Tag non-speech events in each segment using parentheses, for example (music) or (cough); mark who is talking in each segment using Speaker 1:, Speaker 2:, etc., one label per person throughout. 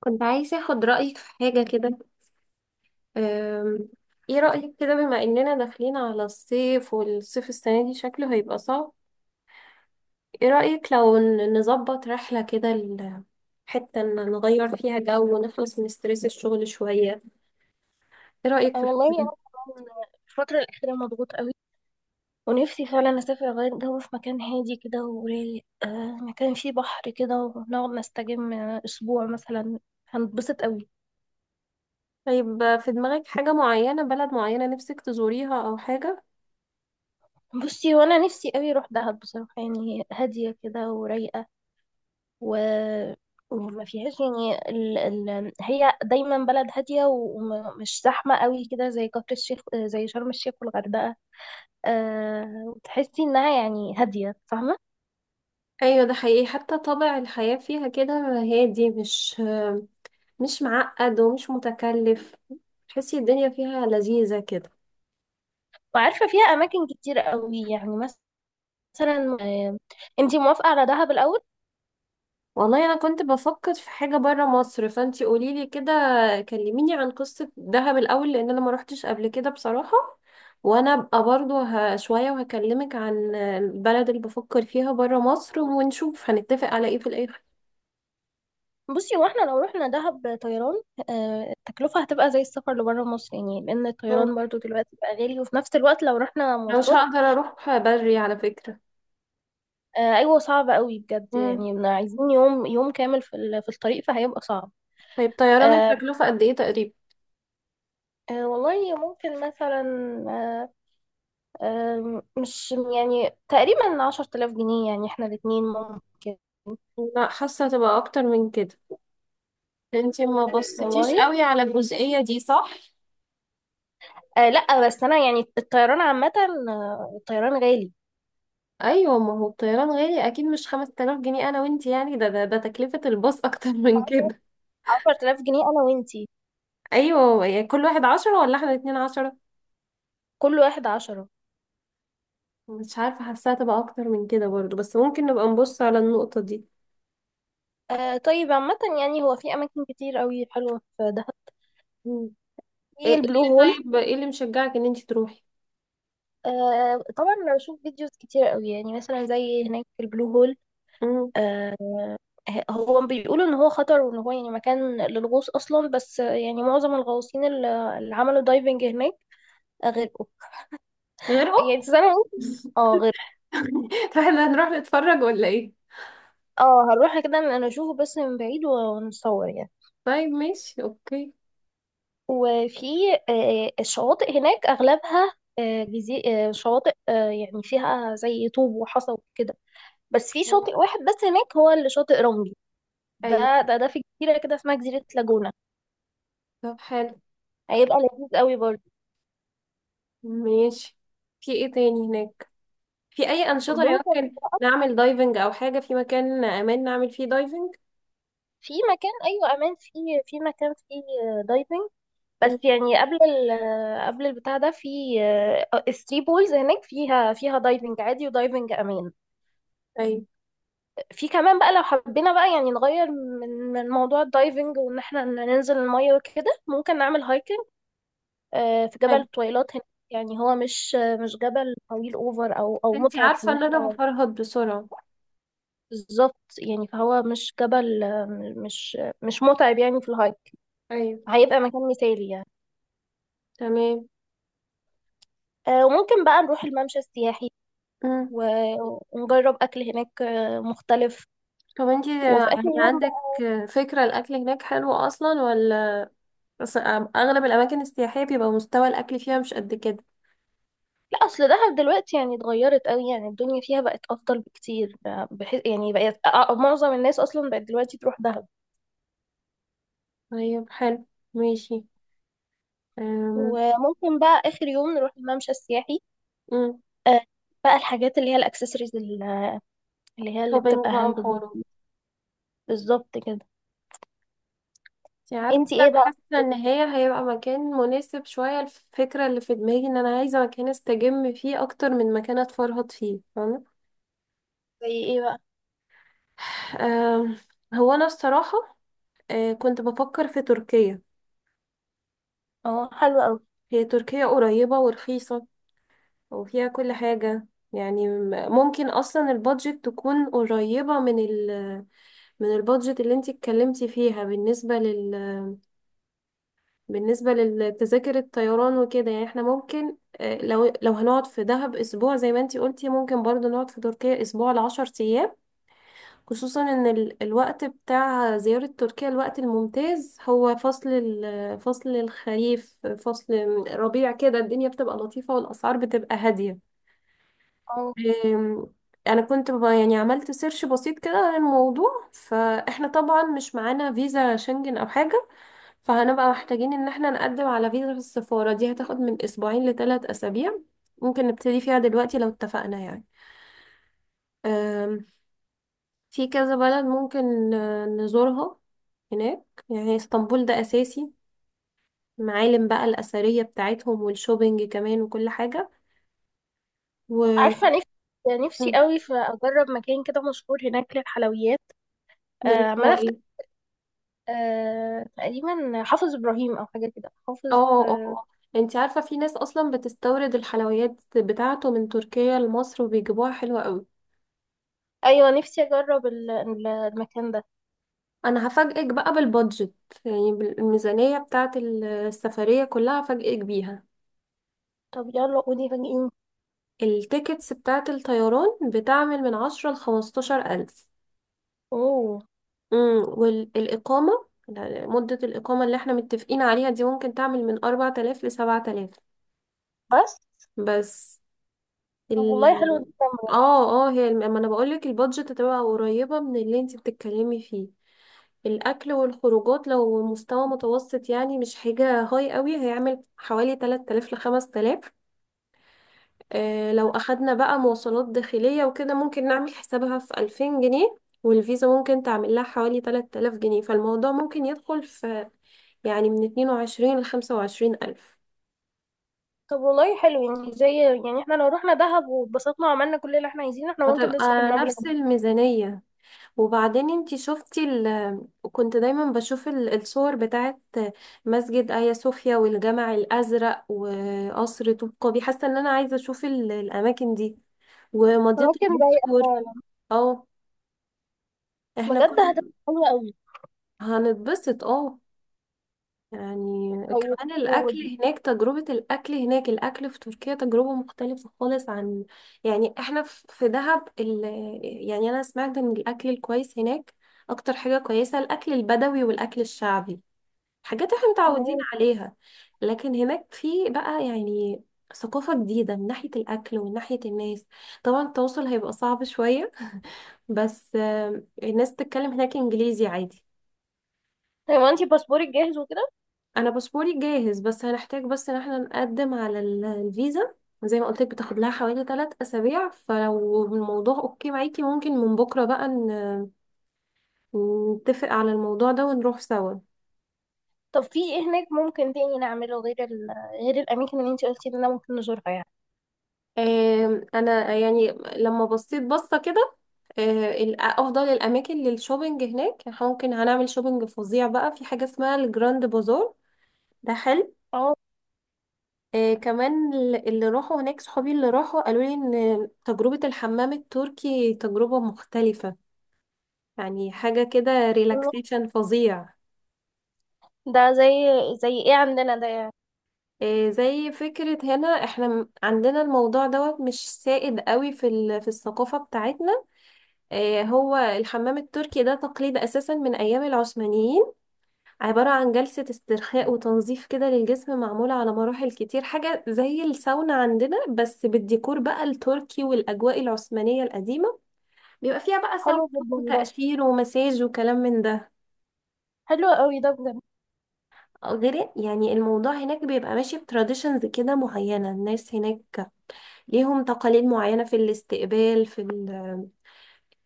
Speaker 1: كنت عايزة اخد رأيك في حاجة كده. أم، ايه رأيك كده، بما اننا داخلين على الصيف والصيف السنة دي شكله هيبقى صعب؟ ايه رأيك لو نظبط رحلة كده، حتة إن نغير فيها جو ونخلص من ستريس الشغل شوية؟ ايه رأيك في
Speaker 2: أنا والله
Speaker 1: الحوار ده؟
Speaker 2: أنا كمان الفترة الأخيرة مضغوط قوي. ونفسي فعلا أسافر أغير جو في مكان هادي كده ورايق، مكان فيه بحر كده ونقعد نستجم أسبوع مثلا. هنتبسط قوي.
Speaker 1: طيب، في دماغك حاجة معينة، بلد معينة نفسك تزوريها او حاجة؟
Speaker 2: بصي، وأنا نفسي قوي أروح دهب بصراحة، يعني هادية كده ورايقة، و... وما فيهاش يعني هي دايما بلد هادية ومش زحمة قوي كده، زي كفر الشيخ، زي شرم الشيخ والغردقة. وتحسي إنها يعني هادية، فاهمة.
Speaker 1: ايوه ده حقيقي، حتى طابع الحياة فيها كده، هادي، مش معقد ومش متكلف، تحسي الدنيا فيها لذيذة كده.
Speaker 2: وعارفة فيها أماكن كتير قوي، يعني مثلا، آه، انتي موافقة على دهب الأول؟
Speaker 1: والله انا كنت بفكر في حاجه بره مصر، فانتي قوليلي كده، كلميني عن قصه دهب الاول، لان انا ما روحتش قبل كده بصراحه. وانا ابقى برضو شويه وهكلمك عن البلد اللي بفكر فيها بره مصر ونشوف هنتفق على ايه في الاخر.
Speaker 2: بصي، واحنا لو رحنا دهب طيران، التكلفة هتبقى زي السفر لبره مصر، يعني لأن
Speaker 1: مم.
Speaker 2: الطيران برضو دلوقتي بقى غالي، وفي نفس الوقت لو رحنا
Speaker 1: انا مش
Speaker 2: مواصلات،
Speaker 1: هقدر اروح بري على فكره.
Speaker 2: أيوة صعب قوي بجد،
Speaker 1: مم.
Speaker 2: يعني إحنا عايزين يوم يوم كامل في في الطريق، فهيبقى صعب.
Speaker 1: طيب طيران
Speaker 2: آه،
Speaker 1: التكلفه قد ايه تقريبا؟
Speaker 2: والله ممكن مثلا، آه، مش يعني تقريبا 10000 جنيه، يعني احنا الاتنين ممكن.
Speaker 1: لا حاسه هتبقى اكتر من كده، انتي ما بصيتيش
Speaker 2: والله
Speaker 1: قوي على الجزئيه دي، صح؟
Speaker 2: لا، بس انا يعني الطيران عامة، الطيران غالي.
Speaker 1: ايوه ما هو الطيران غالي اكيد، مش 5000 جنيه انا وانت، يعني ده تكلفة الباص (laughs) اكتر من كده.
Speaker 2: 10,000 جنيه انا وانتي.
Speaker 1: ايوه يعني كل واحد عشرة ولا احنا الاتنين عشرة؟
Speaker 2: كل واحد عشرة.
Speaker 1: مش عارفة حاساها تبقى اكتر من كده برضو، بس ممكن نبقى نبص على النقطة دي.
Speaker 2: طيب عامة، يعني هو في اماكن كتير قوي حلوة في دهب،
Speaker 1: مم. ايه
Speaker 2: في
Speaker 1: إيه
Speaker 2: البلو
Speaker 1: اللي
Speaker 2: هول.
Speaker 1: طيب ايه اللي مشجعك ان انت تروحي؟
Speaker 2: آه، طبعا انا بشوف فيديوز كتير قوي، يعني مثلا زي هناك في البلو هول.
Speaker 1: مم.
Speaker 2: آه هو بيقولوا ان هو خطر، وان هو يعني مكان للغوص اصلا، بس يعني معظم الغواصين اللي عملوا دايفنج هناك غرقوا.
Speaker 1: غير ام
Speaker 2: يعني زي ما قلت، اه غرقوا.
Speaker 1: فاحنا (laughs) هنروح نتفرج ولا ايه؟
Speaker 2: اه، هنروح كده، انا اشوفه بس من بعيد ونصور يعني.
Speaker 1: طيب ماشي اوكي.
Speaker 2: وفي الشواطئ هناك أغلبها، شواطئ، يعني فيها زي طوب وحصى وكده، بس في
Speaker 1: مم.
Speaker 2: شاطئ واحد بس هناك هو اللي شاطئ رملي.
Speaker 1: ايوه،
Speaker 2: ده في جزيرة كده اسمها جزيرة لاجونا.
Speaker 1: طب حلو،
Speaker 2: هيبقى لذيذ قوي برضه.
Speaker 1: ماشي. في ايه تاني هناك؟ في اي انشطه
Speaker 2: ممكن،
Speaker 1: يمكن نعمل دايفنج او حاجه، في مكان امان نعمل فيه دايفنج؟
Speaker 2: في مكان، أيوة أمان، في في مكان فيه دايفنج،
Speaker 1: مم.
Speaker 2: بس يعني قبل ال قبل البتاع ده، في الثري بولز هناك، فيها دايفنج عادي ودايفنج أمان.
Speaker 1: طيب
Speaker 2: في كمان بقى لو حبينا بقى يعني نغير من موضوع الدايفنج، وان احنا ننزل المية وكده، ممكن نعمل هايكنج، في جبل
Speaker 1: حلو،
Speaker 2: الطويلات هناك، يعني هو مش، مش جبل طويل اوفر او
Speaker 1: انتي
Speaker 2: متعب في
Speaker 1: عارفه
Speaker 2: ان
Speaker 1: ان انا
Speaker 2: احنا،
Speaker 1: بفرهد بسرعه.
Speaker 2: بالظبط، يعني فهو مش جبل، مش متعب يعني في الهايك.
Speaker 1: ايوه،
Speaker 2: هيبقى مكان مثالي يعني.
Speaker 1: تمام.
Speaker 2: وممكن بقى نروح الممشى السياحي
Speaker 1: مم.
Speaker 2: ونجرب اكل هناك مختلف.
Speaker 1: طب انتي
Speaker 2: وفي اخر
Speaker 1: يعني
Speaker 2: يوم،
Speaker 1: عندك فكره، الاكل هناك حلو اصلا ولا أص- اغلب الاماكن السياحيه بيبقى مستوى الاكل فيها مش قد كده؟
Speaker 2: لا، اصل دهب دلوقتي يعني اتغيرت قوي، يعني الدنيا فيها بقت افضل بكتير، بحيث يعني بقت، معظم الناس اصلا بقت دلوقتي تروح دهب.
Speaker 1: طيب حلو، ماشي. أم،
Speaker 2: وممكن بقى اخر يوم نروح الممشى السياحي،
Speaker 1: مم.
Speaker 2: آه، بقى الحاجات اللي هي الاكسسوارز، اللي هي اللي
Speaker 1: شوبينج
Speaker 2: بتبقى
Speaker 1: بقى
Speaker 2: هاند
Speaker 1: وحوارات.
Speaker 2: ميد. بالظبط كده.
Speaker 1: انتي عارفة
Speaker 2: انتي
Speaker 1: انا
Speaker 2: ايه بقى
Speaker 1: حاسة ان
Speaker 2: خطتك؟
Speaker 1: هي هيبقى مكان مناسب شوية. الفكرة اللي في دماغي ان انا عايزة مكان استجم فيه اكتر من مكان اتفرهد فيه، فاهمة؟
Speaker 2: زي ايه بقى؟
Speaker 1: آم، هو انا الصراحة، كنت بفكر في تركيا.
Speaker 2: اه، حلو قوي.
Speaker 1: هي تركيا قريبة ورخيصة، وفيها كل حاجة. يعني ممكن اصلا البادجت تكون قريبة من من البادجت اللي انتي اتكلمتي فيها، بالنسبة للتذاكر الطيران وكده. يعني احنا ممكن، لو هنقعد في دهب اسبوع زي ما انتي قلتي، ممكن برضو نقعد في تركيا اسبوع لعشر ايام. خصوصا ان الوقت بتاع زيارة تركيا، الوقت الممتاز هو فصل الخريف، فصل ربيع كده، الدنيا بتبقى لطيفة والاسعار بتبقى هادية.
Speaker 2: اه
Speaker 1: آم، انا كنت يعني عملت سيرش بسيط كده عن الموضوع. فاحنا طبعا مش معانا فيزا شنجن او حاجة، فهنبقى محتاجين ان احنا نقدم على فيزا في السفارة، دي هتاخد من اسبوعين لثلاث اسابيع، ممكن نبتدي فيها دلوقتي لو اتفقنا يعني. أم، في كذا بلد ممكن نزورها هناك، يعني اسطنبول ده اساسي، معالم بقى الاثرية بتاعتهم والشوبينج كمان وكل حاجة. و...
Speaker 2: عارفه، نفسي نفسي
Speaker 1: مم،
Speaker 2: قوي في اجرب مكان كده مشهور هناك للحلويات،
Speaker 1: اللي هو
Speaker 2: عماله افتكر،
Speaker 1: ايه؟
Speaker 2: تقريبا حافظ ابراهيم او حاجه كده، حافظ.
Speaker 1: اه، اه، اه. انت عارفة في ناس اصلا بتستورد الحلويات بتاعته من تركيا لمصر وبيجيبوها حلوة قوي.
Speaker 2: ايوه، نفسي اجرب المكان ده.
Speaker 1: انا هفاجئك بقى بالبادجت، يعني بالميزانية بتاعة السفرية كلها هفاجئك بيها.
Speaker 2: طب يلا قولي، فاجئيني.
Speaker 1: التيكتس بتاعة الطيران بتعمل من 10 لخمستاشر ألف.
Speaker 2: اوه.
Speaker 1: والإقامة، مدة الإقامة اللي احنا متفقين عليها دي ممكن تعمل من 4000 لسبعة آلاف
Speaker 2: بس.
Speaker 1: بس.
Speaker 2: طب والله حلو
Speaker 1: ال
Speaker 2: جدا.
Speaker 1: اه هي ما انا بقولك البادجت هتبقى قريبة من اللي انت بتتكلمي فيه. الأكل والخروجات لو مستوى متوسط، يعني مش حاجة هاي قوي، هيعمل حوالي 3000 ل 5000. لو أخدنا بقى مواصلات داخلية وكده، ممكن نعمل حسابها في 2000 جنيه، والفيزا ممكن تعمل لها حوالي 3000 جنيه. فالموضوع ممكن يدخل في، يعني من 22 ل 25 ألف،
Speaker 2: طب والله حلو، يعني زي، يعني احنا لو رحنا دهب واتبسطنا وعملنا كل اللي احنا عايزينه، احنا ممكن نصرف
Speaker 1: هتبقى
Speaker 2: المبلغ
Speaker 1: نفس
Speaker 2: ده.
Speaker 1: الميزانية. وبعدين انتي شفتي كنت دايما بشوف الصور بتاعت مسجد آيا صوفيا والجامع الأزرق وقصر طوب قابي، حاسة ان انا عايزة اشوف الأماكن دي ومضيق
Speaker 2: ممكن، رايقة
Speaker 1: البوسفور.
Speaker 2: فعلا.
Speaker 1: اه، احنا
Speaker 2: بجد
Speaker 1: كنا
Speaker 2: هتبقى حلوة قوي.
Speaker 1: هنتبسط، اه يعني.
Speaker 2: طيب.
Speaker 1: كمان الأكل
Speaker 2: ودي
Speaker 1: هناك، تجربة الأكل هناك، الأكل في تركيا تجربة مختلفة خالص عن، يعني احنا في دهب يعني أنا سمعت ان الأكل الكويس هناك أكتر حاجة كويسة الأكل البدوي والأكل الشعبي، حاجات احنا متعودين
Speaker 2: تمام.
Speaker 1: عليها. لكن هناك في بقى يعني ثقافة جديدة من ناحية الأكل ومن ناحية الناس. طبعا التواصل هيبقى صعب شوية، بس الناس بتتكلم هناك إنجليزي عادي.
Speaker 2: طيب انتي باسبورك جاهز وكده؟
Speaker 1: أنا باسبوري جاهز، بس هنحتاج بس إن احنا نقدم على الفيزا، زي ما قلت لك بتاخد لها حوالي 3 أسابيع. فلو الموضوع أوكي معاكي، ممكن من بكرة بقى نتفق على الموضوع ده ونروح سوا.
Speaker 2: طب في ايه هناك ممكن تاني نعمله غير غير الاماكن اللي انتي قلتي لنا ممكن نزورها يعني.
Speaker 1: انا يعني لما بصيت بصة كده، افضل الاماكن للشوبينج هناك، إحنا ممكن هنعمل شوبينج فظيع بقى في حاجة اسمها الجراند بازار، ده حلو.
Speaker 2: اه،
Speaker 1: كمان اللي راحوا هناك، صحابي اللي راحوا قالوا لي ان تجربة الحمام التركي تجربة مختلفة، يعني حاجة كده ريلاكسيشن فظيع.
Speaker 2: ده زي، زي ايه عندنا ده يعني؟
Speaker 1: زي فكرة هنا، احنا عندنا الموضوع دوت مش سائد قوي في الثقافة بتاعتنا. هو الحمام التركي ده تقليد أساسا من أيام العثمانيين، عبارة عن جلسة استرخاء وتنظيف كده للجسم، معمولة على مراحل كتير، حاجة زي الساونا عندنا بس بالديكور بقى التركي والأجواء العثمانية القديمة. بيبقى فيها بقى ساونا
Speaker 2: حلو جدا ده.
Speaker 1: وتقشير ومساج وكلام من ده.
Speaker 2: حلو قوي ده بجد.
Speaker 1: غير يعني الموضوع هناك بيبقى ماشي بتراديشنز كده معينة، الناس هناك ليهم تقاليد معينة في الاستقبال، في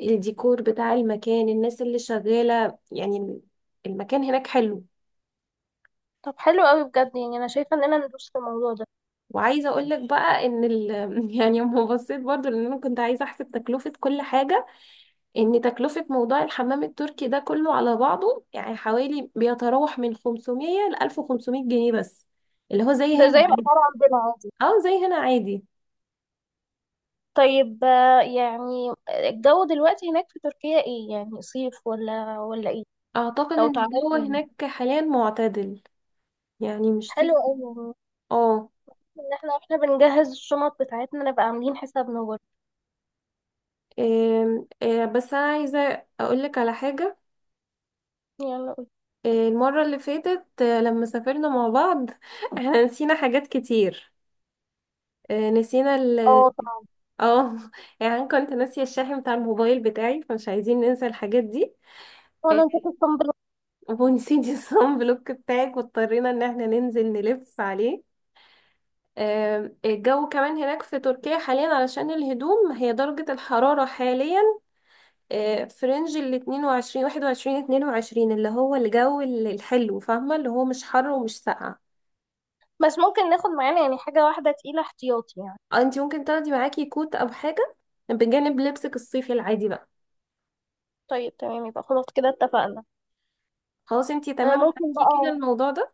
Speaker 1: الديكور بتاع المكان، الناس اللي شغالة يعني، المكان هناك حلو.
Speaker 2: طب حلو قوي بجد، يعني انا شايفه اننا ندوس في الموضوع ده.
Speaker 1: وعايزة اقولك بقى ان (laughs) يعني لما بصيت برضو، لان انا كنت عايزة احسب تكلفة كل حاجة، ان تكلفة موضوع الحمام التركي ده كله على بعضه يعني حوالي بيتراوح من 500 ل 1500 جنيه بس، اللي هو زي
Speaker 2: ده
Speaker 1: هنا
Speaker 2: زي
Speaker 1: عادي.
Speaker 2: الاسعار عندنا عادي.
Speaker 1: اه، زي هنا عادي.
Speaker 2: طيب، يعني الجو دلوقتي هناك في تركيا ايه، يعني صيف ولا ايه؟
Speaker 1: اعتقد
Speaker 2: لو
Speaker 1: ان
Speaker 2: تعرفنا
Speaker 1: الجو
Speaker 2: يعني.
Speaker 1: هناك حاليا معتدل، يعني مش
Speaker 2: حلو
Speaker 1: صيف.
Speaker 2: قوي يعني.
Speaker 1: اه.
Speaker 2: ان احنا واحنا بنجهز الشنط بتاعتنا نبقى عاملين حسابنا برضه.
Speaker 1: آم، آه، بس انا عايزة اقولك على حاجة.
Speaker 2: يلا قول.
Speaker 1: المرة اللي فاتت لما سافرنا مع بعض، (laughs) احنا نسينا حاجات كتير. نسينا
Speaker 2: اه طبعا.
Speaker 1: اه, (laughs) يعني أنا كنت ناسية الشاحن بتاع الموبايل بتاعي، فمش عايزين ننسى الحاجات دي. آه،
Speaker 2: وانا نسيت الصنبل.
Speaker 1: (laughs) ونسيت الصن بلوك بتاعك، واضطرينا ان احنا ننزل نلف عليه. الجو كمان هناك في تركيا حاليا، علشان الهدوم، هي درجة الحرارة حاليا في رينج ال 22 21 22، اللي هو الجو الحلو فاهمة، اللي هو مش حر ومش ساقع.
Speaker 2: بس ممكن ناخد معانا يعني حاجه واحده تقيله احتياطي يعني.
Speaker 1: اه، انت ممكن تاخدي معاكي كوت او حاجه بجانب لبسك الصيفي العادي بقى.
Speaker 2: طيب تمام، يبقى خلاص كده اتفقنا.
Speaker 1: خلاص، انت تمام
Speaker 2: ممكن
Speaker 1: معاكي كده
Speaker 2: بقى،
Speaker 1: الموضوع ده.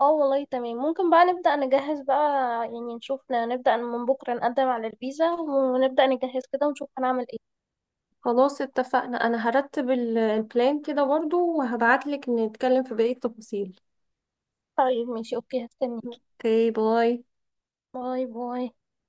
Speaker 2: اه والله تمام، ممكن بقى نبدأ نجهز بقى، يعني نشوف، نبدأ من بكرة نقدم على الفيزا، ونبدأ نجهز كده ونشوف هنعمل ايه.
Speaker 1: خلاص اتفقنا، انا هرتب البلان كده برضو وهبعتلك نتكلم في بقيه التفاصيل.
Speaker 2: طيب ماشي اوكي، هستنيكي.
Speaker 1: اوكي، باي.
Speaker 2: باي باي.